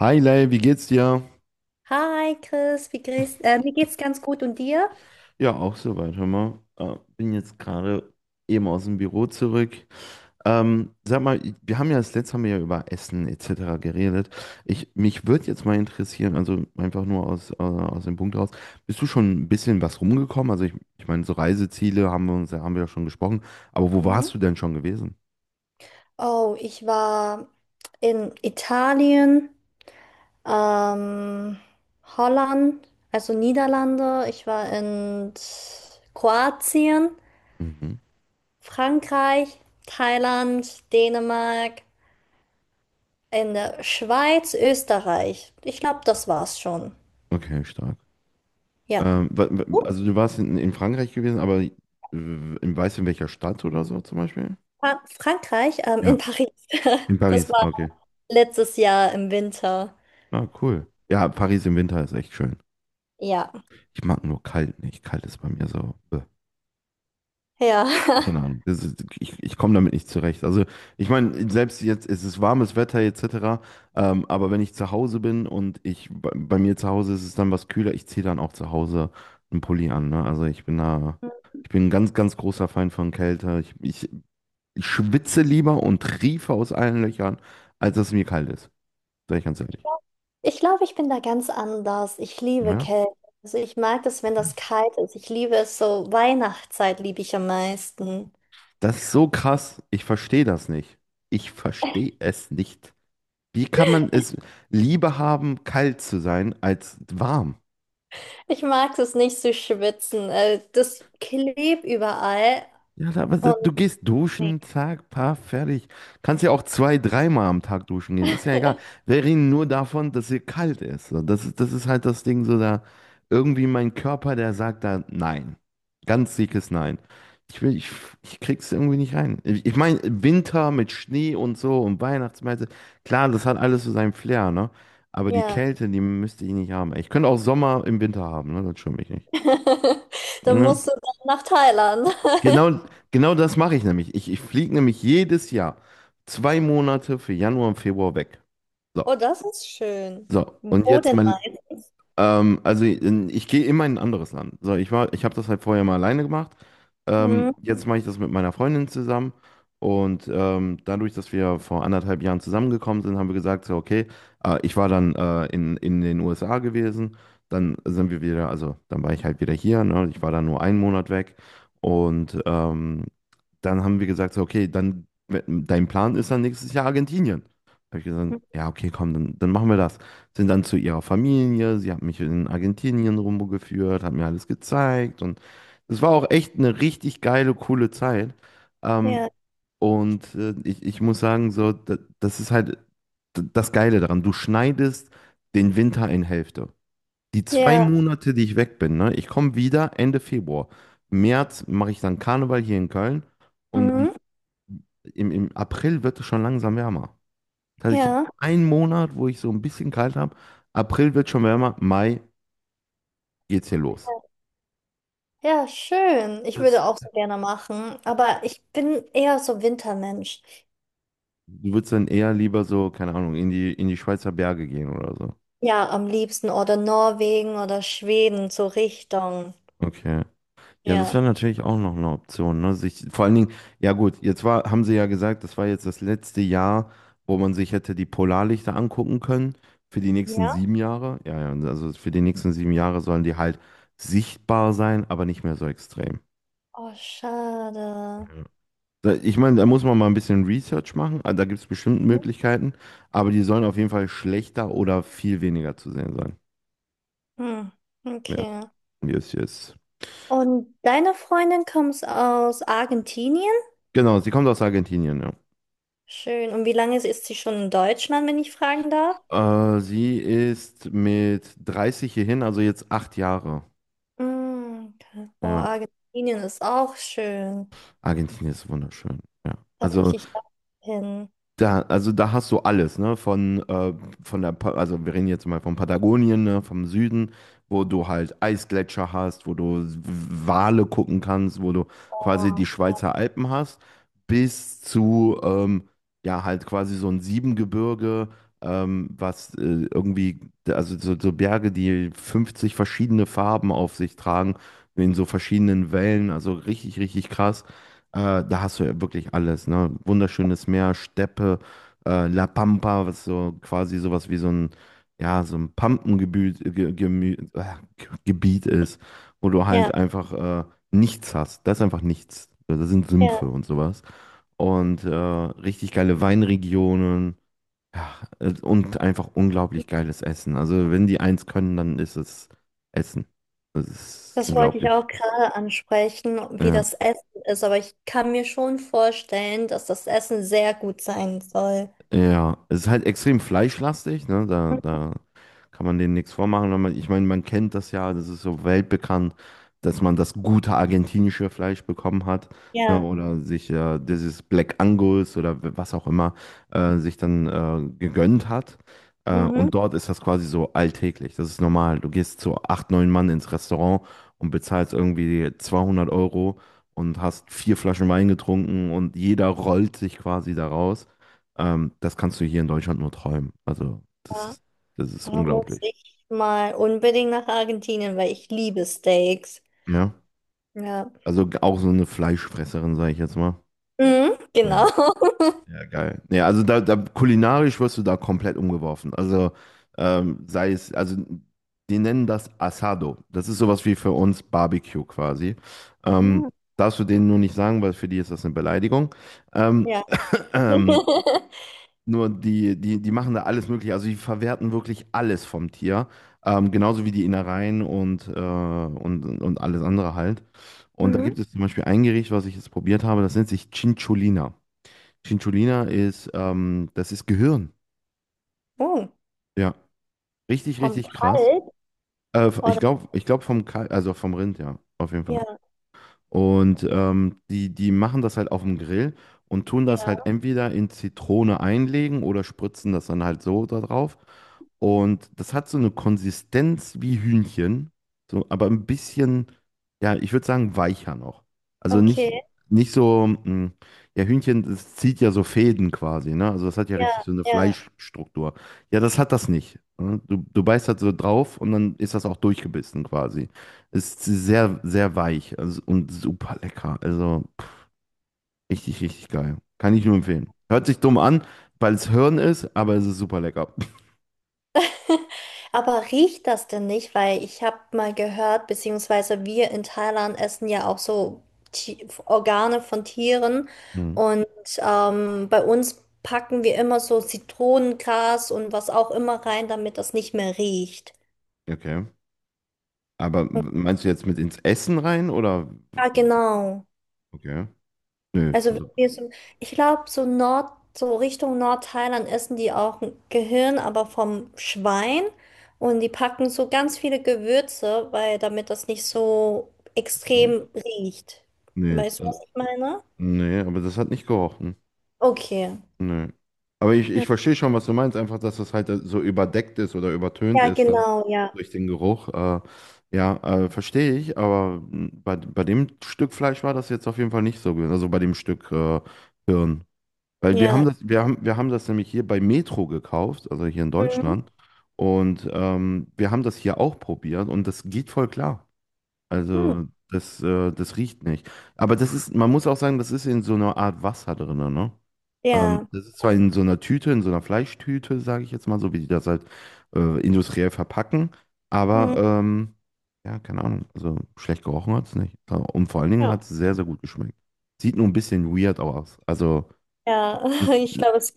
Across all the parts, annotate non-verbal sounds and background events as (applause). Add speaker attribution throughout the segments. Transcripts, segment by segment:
Speaker 1: Hi Lei, wie geht's dir?
Speaker 2: Hi Chris, wie mir geht's ganz gut und dir?
Speaker 1: Ja, auch soweit, hör mal. Bin jetzt gerade eben aus dem Büro zurück. Sag mal, wir haben ja das letzte Mal ja über Essen etc. geredet. Mich würde jetzt mal interessieren, also einfach nur aus, aus dem Punkt raus, bist du schon ein bisschen was rumgekommen? Also ich meine, so Reiseziele haben wir uns, haben wir ja schon gesprochen, aber wo
Speaker 2: Mhm.
Speaker 1: warst du denn schon gewesen?
Speaker 2: Oh, ich war in Italien, ähm, Holland, also Niederlande. Ich war in Kroatien,
Speaker 1: Mhm.
Speaker 2: Frankreich, Thailand, Dänemark, in der Schweiz, Österreich. Ich glaube, das war's schon.
Speaker 1: Okay, stark.
Speaker 2: Ja.
Speaker 1: Ähm, wa- wa-
Speaker 2: Oh,
Speaker 1: also du warst in Frankreich gewesen, aber weißt du, in welcher Stadt oder so zum Beispiel?
Speaker 2: Frankreich,
Speaker 1: Ja.
Speaker 2: in Paris. (laughs)
Speaker 1: In
Speaker 2: Das
Speaker 1: Paris,
Speaker 2: war
Speaker 1: okay.
Speaker 2: letztes Jahr im Winter.
Speaker 1: Ah, cool. Ja, Paris im Winter ist echt schön.
Speaker 2: Ja,
Speaker 1: Ich mag nur kalt nicht. Kalt ist bei mir so.
Speaker 2: ja.
Speaker 1: Keine Ahnung. Das ist, ich komme damit nicht zurecht. Also, ich meine, selbst jetzt ist es warmes Wetter etc. Aber wenn ich zu Hause bin und ich bei mir zu Hause ist es dann was kühler, ich ziehe dann auch zu Hause einen Pulli an. Ne? Also, ich bin da.
Speaker 2: (laughs)
Speaker 1: Ich bin ein ganz, ganz großer Feind von Kälte. Ich schwitze lieber und triefe aus allen Löchern, als dass es mir kalt ist. Sag ich ganz ehrlich.
Speaker 2: Ich glaube, ich bin da ganz anders. Ich liebe
Speaker 1: Ja?
Speaker 2: Kälte. Also ich mag es, wenn das kalt ist. Ich liebe es so. Weihnachtszeit liebe ich am meisten.
Speaker 1: Das ist so krass. Ich verstehe das nicht. Ich verstehe es nicht. Wie kann man es lieber haben, kalt zu sein, als warm?
Speaker 2: Ich mag es nicht zu schwitzen. Das klebt überall.
Speaker 1: Ja, aber
Speaker 2: Und
Speaker 1: du gehst
Speaker 2: nee.
Speaker 1: duschen, zack, paar, fertig. Kannst ja auch zwei, dreimal am Tag duschen gehen. Ist ja egal. Wir reden nur davon, dass hier kalt ist. So, das ist halt das Ding, so da irgendwie mein Körper, der sagt da nein. Ganz dickes Nein. Ich will, ich krieg's irgendwie nicht rein. Ich meine, Winter mit Schnee und so und Weihnachtsmärkte, klar, das hat alles so seinen Flair, ne? Aber die
Speaker 2: Ja.
Speaker 1: Kälte, die müsste ich nicht haben. Ich könnte auch Sommer im Winter haben, ne? Das stört mich nicht.
Speaker 2: (laughs) Dann
Speaker 1: Ne?
Speaker 2: musst du dann nach Thailand.
Speaker 1: Genau,
Speaker 2: (laughs)
Speaker 1: genau das mache ich nämlich. Ich fliege nämlich jedes Jahr 2 Monate für Januar und Februar weg. So,
Speaker 2: Oh, das ist schön.
Speaker 1: so. Und
Speaker 2: Wo
Speaker 1: jetzt
Speaker 2: denn
Speaker 1: mein,
Speaker 2: meistens?
Speaker 1: also ich gehe immer in ein anderes Land. So, ich war, ich habe das halt vorher mal alleine gemacht. Ähm,
Speaker 2: Mhm.
Speaker 1: jetzt mache ich das mit meiner Freundin zusammen. Und dadurch, dass wir vor anderthalb Jahren zusammengekommen sind, haben wir gesagt, so, okay, ich war dann in den USA gewesen. Dann sind wir wieder, also dann war ich halt wieder hier. Ne? Ich war dann nur einen Monat weg. Und dann haben wir gesagt, so, okay, dann dein Plan ist dann nächstes Jahr Argentinien. Habe ich gesagt, ja, okay, komm, dann machen wir das. Sind dann zu ihrer Familie, sie hat mich in Argentinien rumgeführt, hat mir alles gezeigt und es war auch echt eine richtig geile, coole Zeit. Ähm,
Speaker 2: Ja.
Speaker 1: und ich muss sagen, so, das ist halt das Geile daran. Du schneidest den Winter in Hälfte. Die zwei
Speaker 2: Ja.
Speaker 1: Monate, die ich weg bin, ne? Ich komme wieder Ende Februar. Im März mache ich dann Karneval hier in Köln und dann
Speaker 2: Mhm.
Speaker 1: im April wird es schon langsam wärmer. Das heißt, ich habe
Speaker 2: Ja.
Speaker 1: einen Monat, wo ich so ein bisschen kalt habe. April wird schon wärmer, Mai geht's hier los.
Speaker 2: Ja, schön. Ich
Speaker 1: Das,
Speaker 2: würde auch so gerne machen. Aber ich bin eher so Wintermensch.
Speaker 1: du würdest dann eher lieber so, keine Ahnung, in die Schweizer Berge gehen oder so.
Speaker 2: Ja, am liebsten oder Norwegen oder Schweden, so Richtung.
Speaker 1: Okay. Ja, das
Speaker 2: Ja.
Speaker 1: wäre natürlich auch noch eine Option, ne? Sich, vor allen Dingen, ja gut, jetzt war, haben sie ja gesagt, das war jetzt das letzte Jahr, wo man sich hätte die Polarlichter angucken können für die nächsten
Speaker 2: Ja?
Speaker 1: 7 Jahre. Ja, ja, also für die nächsten 7 Jahre sollen die halt sichtbar sein, aber nicht mehr so extrem.
Speaker 2: Oh, schade.
Speaker 1: Ich meine, da muss man mal ein bisschen Research machen, also da gibt es bestimmt Möglichkeiten, aber die sollen auf jeden Fall schlechter oder viel weniger zu sehen sein.
Speaker 2: Hm.
Speaker 1: Ja,
Speaker 2: Okay.
Speaker 1: wie es hier.
Speaker 2: Und deine Freundin kommt aus Argentinien?
Speaker 1: Genau, sie kommt aus Argentinien, ja.
Speaker 2: Schön. Und wie lange ist sie schon in Deutschland, wenn ich fragen darf?
Speaker 1: Sie ist mit 30 hierhin, also jetzt 8 Jahre.
Speaker 2: Hm, okay. Oh,
Speaker 1: Ja,
Speaker 2: Argentinien ist auch schön.
Speaker 1: Argentinien ist wunderschön. Ja,
Speaker 2: Da
Speaker 1: also
Speaker 2: möchte ich auch hin.
Speaker 1: da, also da hast du alles, ne? Von der, also wir reden jetzt mal von Patagonien, ne? Vom Süden, wo du halt Eisgletscher hast, wo du Wale gucken kannst, wo du quasi die
Speaker 2: Oh.
Speaker 1: Schweizer Alpen hast, bis zu, ja, halt quasi so ein Siebengebirge, was irgendwie, also so Berge, die 50 verschiedene Farben auf sich tragen, in so verschiedenen Wellen, also richtig, richtig krass. Da hast du ja wirklich alles, ne? Wunderschönes Meer, Steppe, La Pampa, was so quasi sowas wie so ein, ja, so ein Pampengebiet Gebiet ist, wo du
Speaker 2: Ja,
Speaker 1: halt einfach nichts hast. Da ist einfach nichts. Da sind Sümpfe
Speaker 2: ja.
Speaker 1: und sowas. Und richtig geile Weinregionen. Ja, und einfach unglaublich geiles Essen. Also wenn die eins können, dann ist es Essen. Das ist
Speaker 2: Das wollte ich
Speaker 1: unglaublich.
Speaker 2: auch gerade ansprechen, wie
Speaker 1: Ja.
Speaker 2: das Essen ist, aber ich kann mir schon vorstellen, dass das Essen sehr gut sein soll.
Speaker 1: Ja, es ist halt extrem fleischlastig, ne? Da kann man denen nichts vormachen. Wenn Man, ich meine, man kennt das ja, das ist so weltbekannt, dass man das gute argentinische Fleisch bekommen hat, ne?
Speaker 2: Ja,
Speaker 1: Oder sich dieses Black Angus oder was auch immer sich dann gegönnt hat. Äh,
Speaker 2: mhm.
Speaker 1: und dort ist das quasi so alltäglich. Das ist normal. Du gehst zu acht, neun Mann ins Restaurant und bezahlst irgendwie 200 € und hast vier Flaschen Wein getrunken und jeder rollt sich quasi da raus. Das kannst du hier in Deutschland nur träumen. Also, das
Speaker 2: Ja,
Speaker 1: ist, das ist
Speaker 2: da muss
Speaker 1: unglaublich.
Speaker 2: ich mal unbedingt nach Argentinien, weil ich liebe Steaks.
Speaker 1: Ja.
Speaker 2: Ja,
Speaker 1: Also auch so eine Fleischfresserin, sage ich jetzt mal.
Speaker 2: mhm,
Speaker 1: Ja,
Speaker 2: genau.
Speaker 1: ja,
Speaker 2: (laughs)
Speaker 1: ja, geil. Ja, also da kulinarisch wirst du da komplett umgeworfen. Also sei es, also die nennen das Asado. Das ist sowas wie für uns Barbecue quasi. Ähm,
Speaker 2: Mhm,
Speaker 1: darfst du denen nur nicht sagen, weil für die ist das eine Beleidigung. Ähm,
Speaker 2: ja.
Speaker 1: (clears throat) ähm,
Speaker 2: (laughs)
Speaker 1: Nur die, die machen da alles Mögliche. Also die verwerten wirklich alles vom Tier. Genauso wie die Innereien und alles andere halt. Und da
Speaker 2: Mhm.
Speaker 1: gibt es zum Beispiel ein Gericht, was ich jetzt probiert habe, das nennt sich Cinciolina. Cinciolina ist, das ist Gehirn.
Speaker 2: Oh,
Speaker 1: Ja, richtig,
Speaker 2: vom
Speaker 1: richtig krass.
Speaker 2: Kalt
Speaker 1: Ich
Speaker 2: oder?
Speaker 1: glaube, ich glaub vom Kalb, also vom Rind, ja, auf jeden Fall.
Speaker 2: Ja,
Speaker 1: Und die, machen das halt auf dem Grill und tun das halt
Speaker 2: ja,
Speaker 1: entweder in Zitrone einlegen oder spritzen das dann halt so da drauf. Und das hat so eine Konsistenz wie Hühnchen, so, aber ein bisschen, ja, ich würde sagen, weicher noch. Also nicht,
Speaker 2: okay.
Speaker 1: nicht so, ja, Hühnchen, das zieht ja so Fäden quasi, ne? Also das hat ja richtig
Speaker 2: Ja,
Speaker 1: so eine
Speaker 2: ja.
Speaker 1: Fleischstruktur. Ja, das hat das nicht, ne? Du beißt halt so drauf und dann ist das auch durchgebissen quasi. Ist sehr, sehr weich also, und super lecker. Also pff, richtig, richtig geil. Kann ich nur empfehlen. Hört sich dumm an, weil es Hirn ist, aber es ist super lecker. (laughs)
Speaker 2: Aber riecht das denn nicht? Weil ich habe mal gehört, beziehungsweise wir in Thailand essen ja auch so Organe von Tieren.
Speaker 1: Mhm.
Speaker 2: Und bei uns packen wir immer so Zitronengras und was auch immer rein, damit das nicht mehr riecht.
Speaker 1: Okay. Aber meinst du jetzt mit ins Essen rein oder?
Speaker 2: Ja, genau.
Speaker 1: Okay. Nee,
Speaker 2: Also wenn
Speaker 1: also.
Speaker 2: wir so, ich glaube, so Nord, so Richtung Nordthailand essen die auch ein Gehirn, aber vom Schwein. Und die packen so ganz viele Gewürze, weil damit das nicht so
Speaker 1: Mhm.
Speaker 2: extrem riecht.
Speaker 1: Nee,
Speaker 2: Weißt du,
Speaker 1: also,
Speaker 2: was ich meine?
Speaker 1: nee, aber das hat nicht gerochen.
Speaker 2: Okay.
Speaker 1: Nö. Aber ich,
Speaker 2: Ja,
Speaker 1: ich verstehe schon, was du meinst, einfach, dass das halt so überdeckt ist oder übertönt
Speaker 2: ja,
Speaker 1: ist dann
Speaker 2: genau, ja.
Speaker 1: durch den Geruch. Ja, verstehe ich, aber bei dem Stück Fleisch war das jetzt auf jeden Fall nicht so gewesen, also bei dem Stück Hirn. Weil
Speaker 2: Ja.
Speaker 1: wir haben das nämlich hier bei Metro gekauft, also hier in
Speaker 2: Mhm.
Speaker 1: Deutschland. Und wir haben das hier auch probiert und das geht voll klar.
Speaker 2: Hm.
Speaker 1: Also das riecht nicht. Aber das ist, man muss auch sagen, das ist in so einer Art Wasser drin, ne? Ähm,
Speaker 2: Ja.
Speaker 1: das ist zwar in so einer Tüte, in so einer Fleischtüte, sage ich jetzt mal, so wie die das halt industriell verpacken, aber
Speaker 2: Mhm.
Speaker 1: ja, keine Ahnung, also schlecht gerochen hat es nicht. Und vor allen Dingen
Speaker 2: Ja.
Speaker 1: hat es sehr, sehr gut geschmeckt. Sieht nur ein bisschen weird aus. Also
Speaker 2: Ja. (laughs)
Speaker 1: das,
Speaker 2: Ich glaube, es ist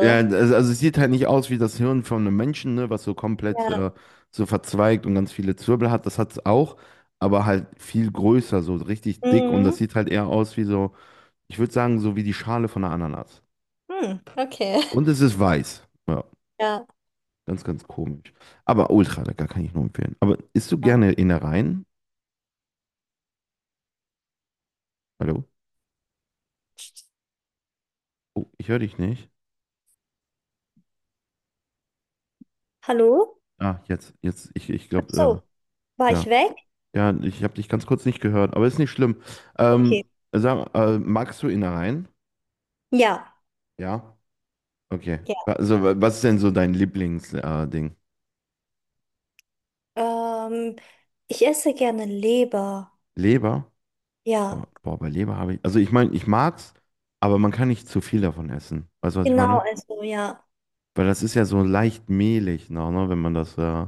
Speaker 1: ja, also es sieht halt nicht aus wie das Hirn von einem Menschen, ne, was so komplett
Speaker 2: Ja.
Speaker 1: so verzweigt und ganz viele Zwirbel hat. Das hat es auch, aber halt viel größer, so richtig dick. Und das
Speaker 2: Mhm.
Speaker 1: sieht halt eher aus wie so, ich würde sagen, so wie die Schale von einer Ananas.
Speaker 2: Hm. Okay.
Speaker 1: Und es
Speaker 2: (laughs)
Speaker 1: ist weiß. Ja,
Speaker 2: Ja,
Speaker 1: ganz, ganz komisch. Aber ultra lecker, kann ich nur empfehlen. Aber isst du
Speaker 2: ja.
Speaker 1: gerne Innereien? Hallo? Oh, ich höre dich nicht.
Speaker 2: Hallo?
Speaker 1: Ah, jetzt, ich
Speaker 2: Ach
Speaker 1: glaube,
Speaker 2: so, war
Speaker 1: ja.
Speaker 2: ich weg?
Speaker 1: Ja, ich habe dich ganz kurz nicht gehört, aber ist nicht schlimm. Ähm,
Speaker 2: Okay.
Speaker 1: sag, magst du Innereien?
Speaker 2: Ja,
Speaker 1: Ja. Okay.
Speaker 2: ja.
Speaker 1: Also, was ist denn so dein Lieblingsding? Ding?
Speaker 2: Ähm, ich esse gerne Leber.
Speaker 1: Leber?
Speaker 2: Ja,
Speaker 1: Boah, boah, bei Leber habe ich. Also, ich meine, ich mag's, aber man kann nicht zu viel davon essen. Weißt du, was ich
Speaker 2: genau,
Speaker 1: meine?
Speaker 2: also ja.
Speaker 1: Weil das ist ja so leicht mehlig noch, ne, wenn man das, äh,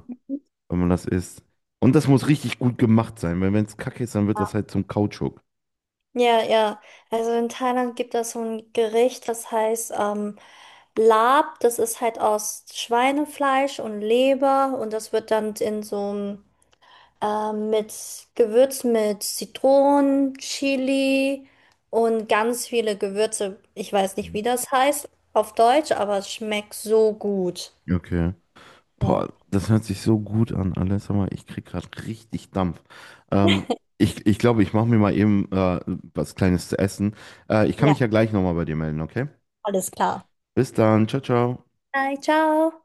Speaker 1: wenn man das isst. Und das muss richtig gut gemacht sein, weil wenn es kacke ist, dann wird das halt zum Kautschuk.
Speaker 2: Ja, ja. Also in Thailand gibt es so ein Gericht, das heißt Lab. Das ist halt aus Schweinefleisch und Leber und das wird dann in so einem mit Gewürz mit Zitronen, Chili und ganz viele Gewürze. Ich weiß nicht,
Speaker 1: Mhm.
Speaker 2: wie das heißt auf Deutsch, aber es schmeckt so gut.
Speaker 1: Okay.
Speaker 2: Ja,
Speaker 1: Boah, das hört sich so gut an, alles. Sag mal, ich krieg gerade richtig Dampf. Ähm, ich glaube, ich mache mir mal eben was Kleines zu essen. Ich kann
Speaker 2: ja,
Speaker 1: mich ja gleich nochmal bei dir melden, okay?
Speaker 2: alles klar.
Speaker 1: Bis dann. Ciao, ciao.
Speaker 2: Hi, ciao.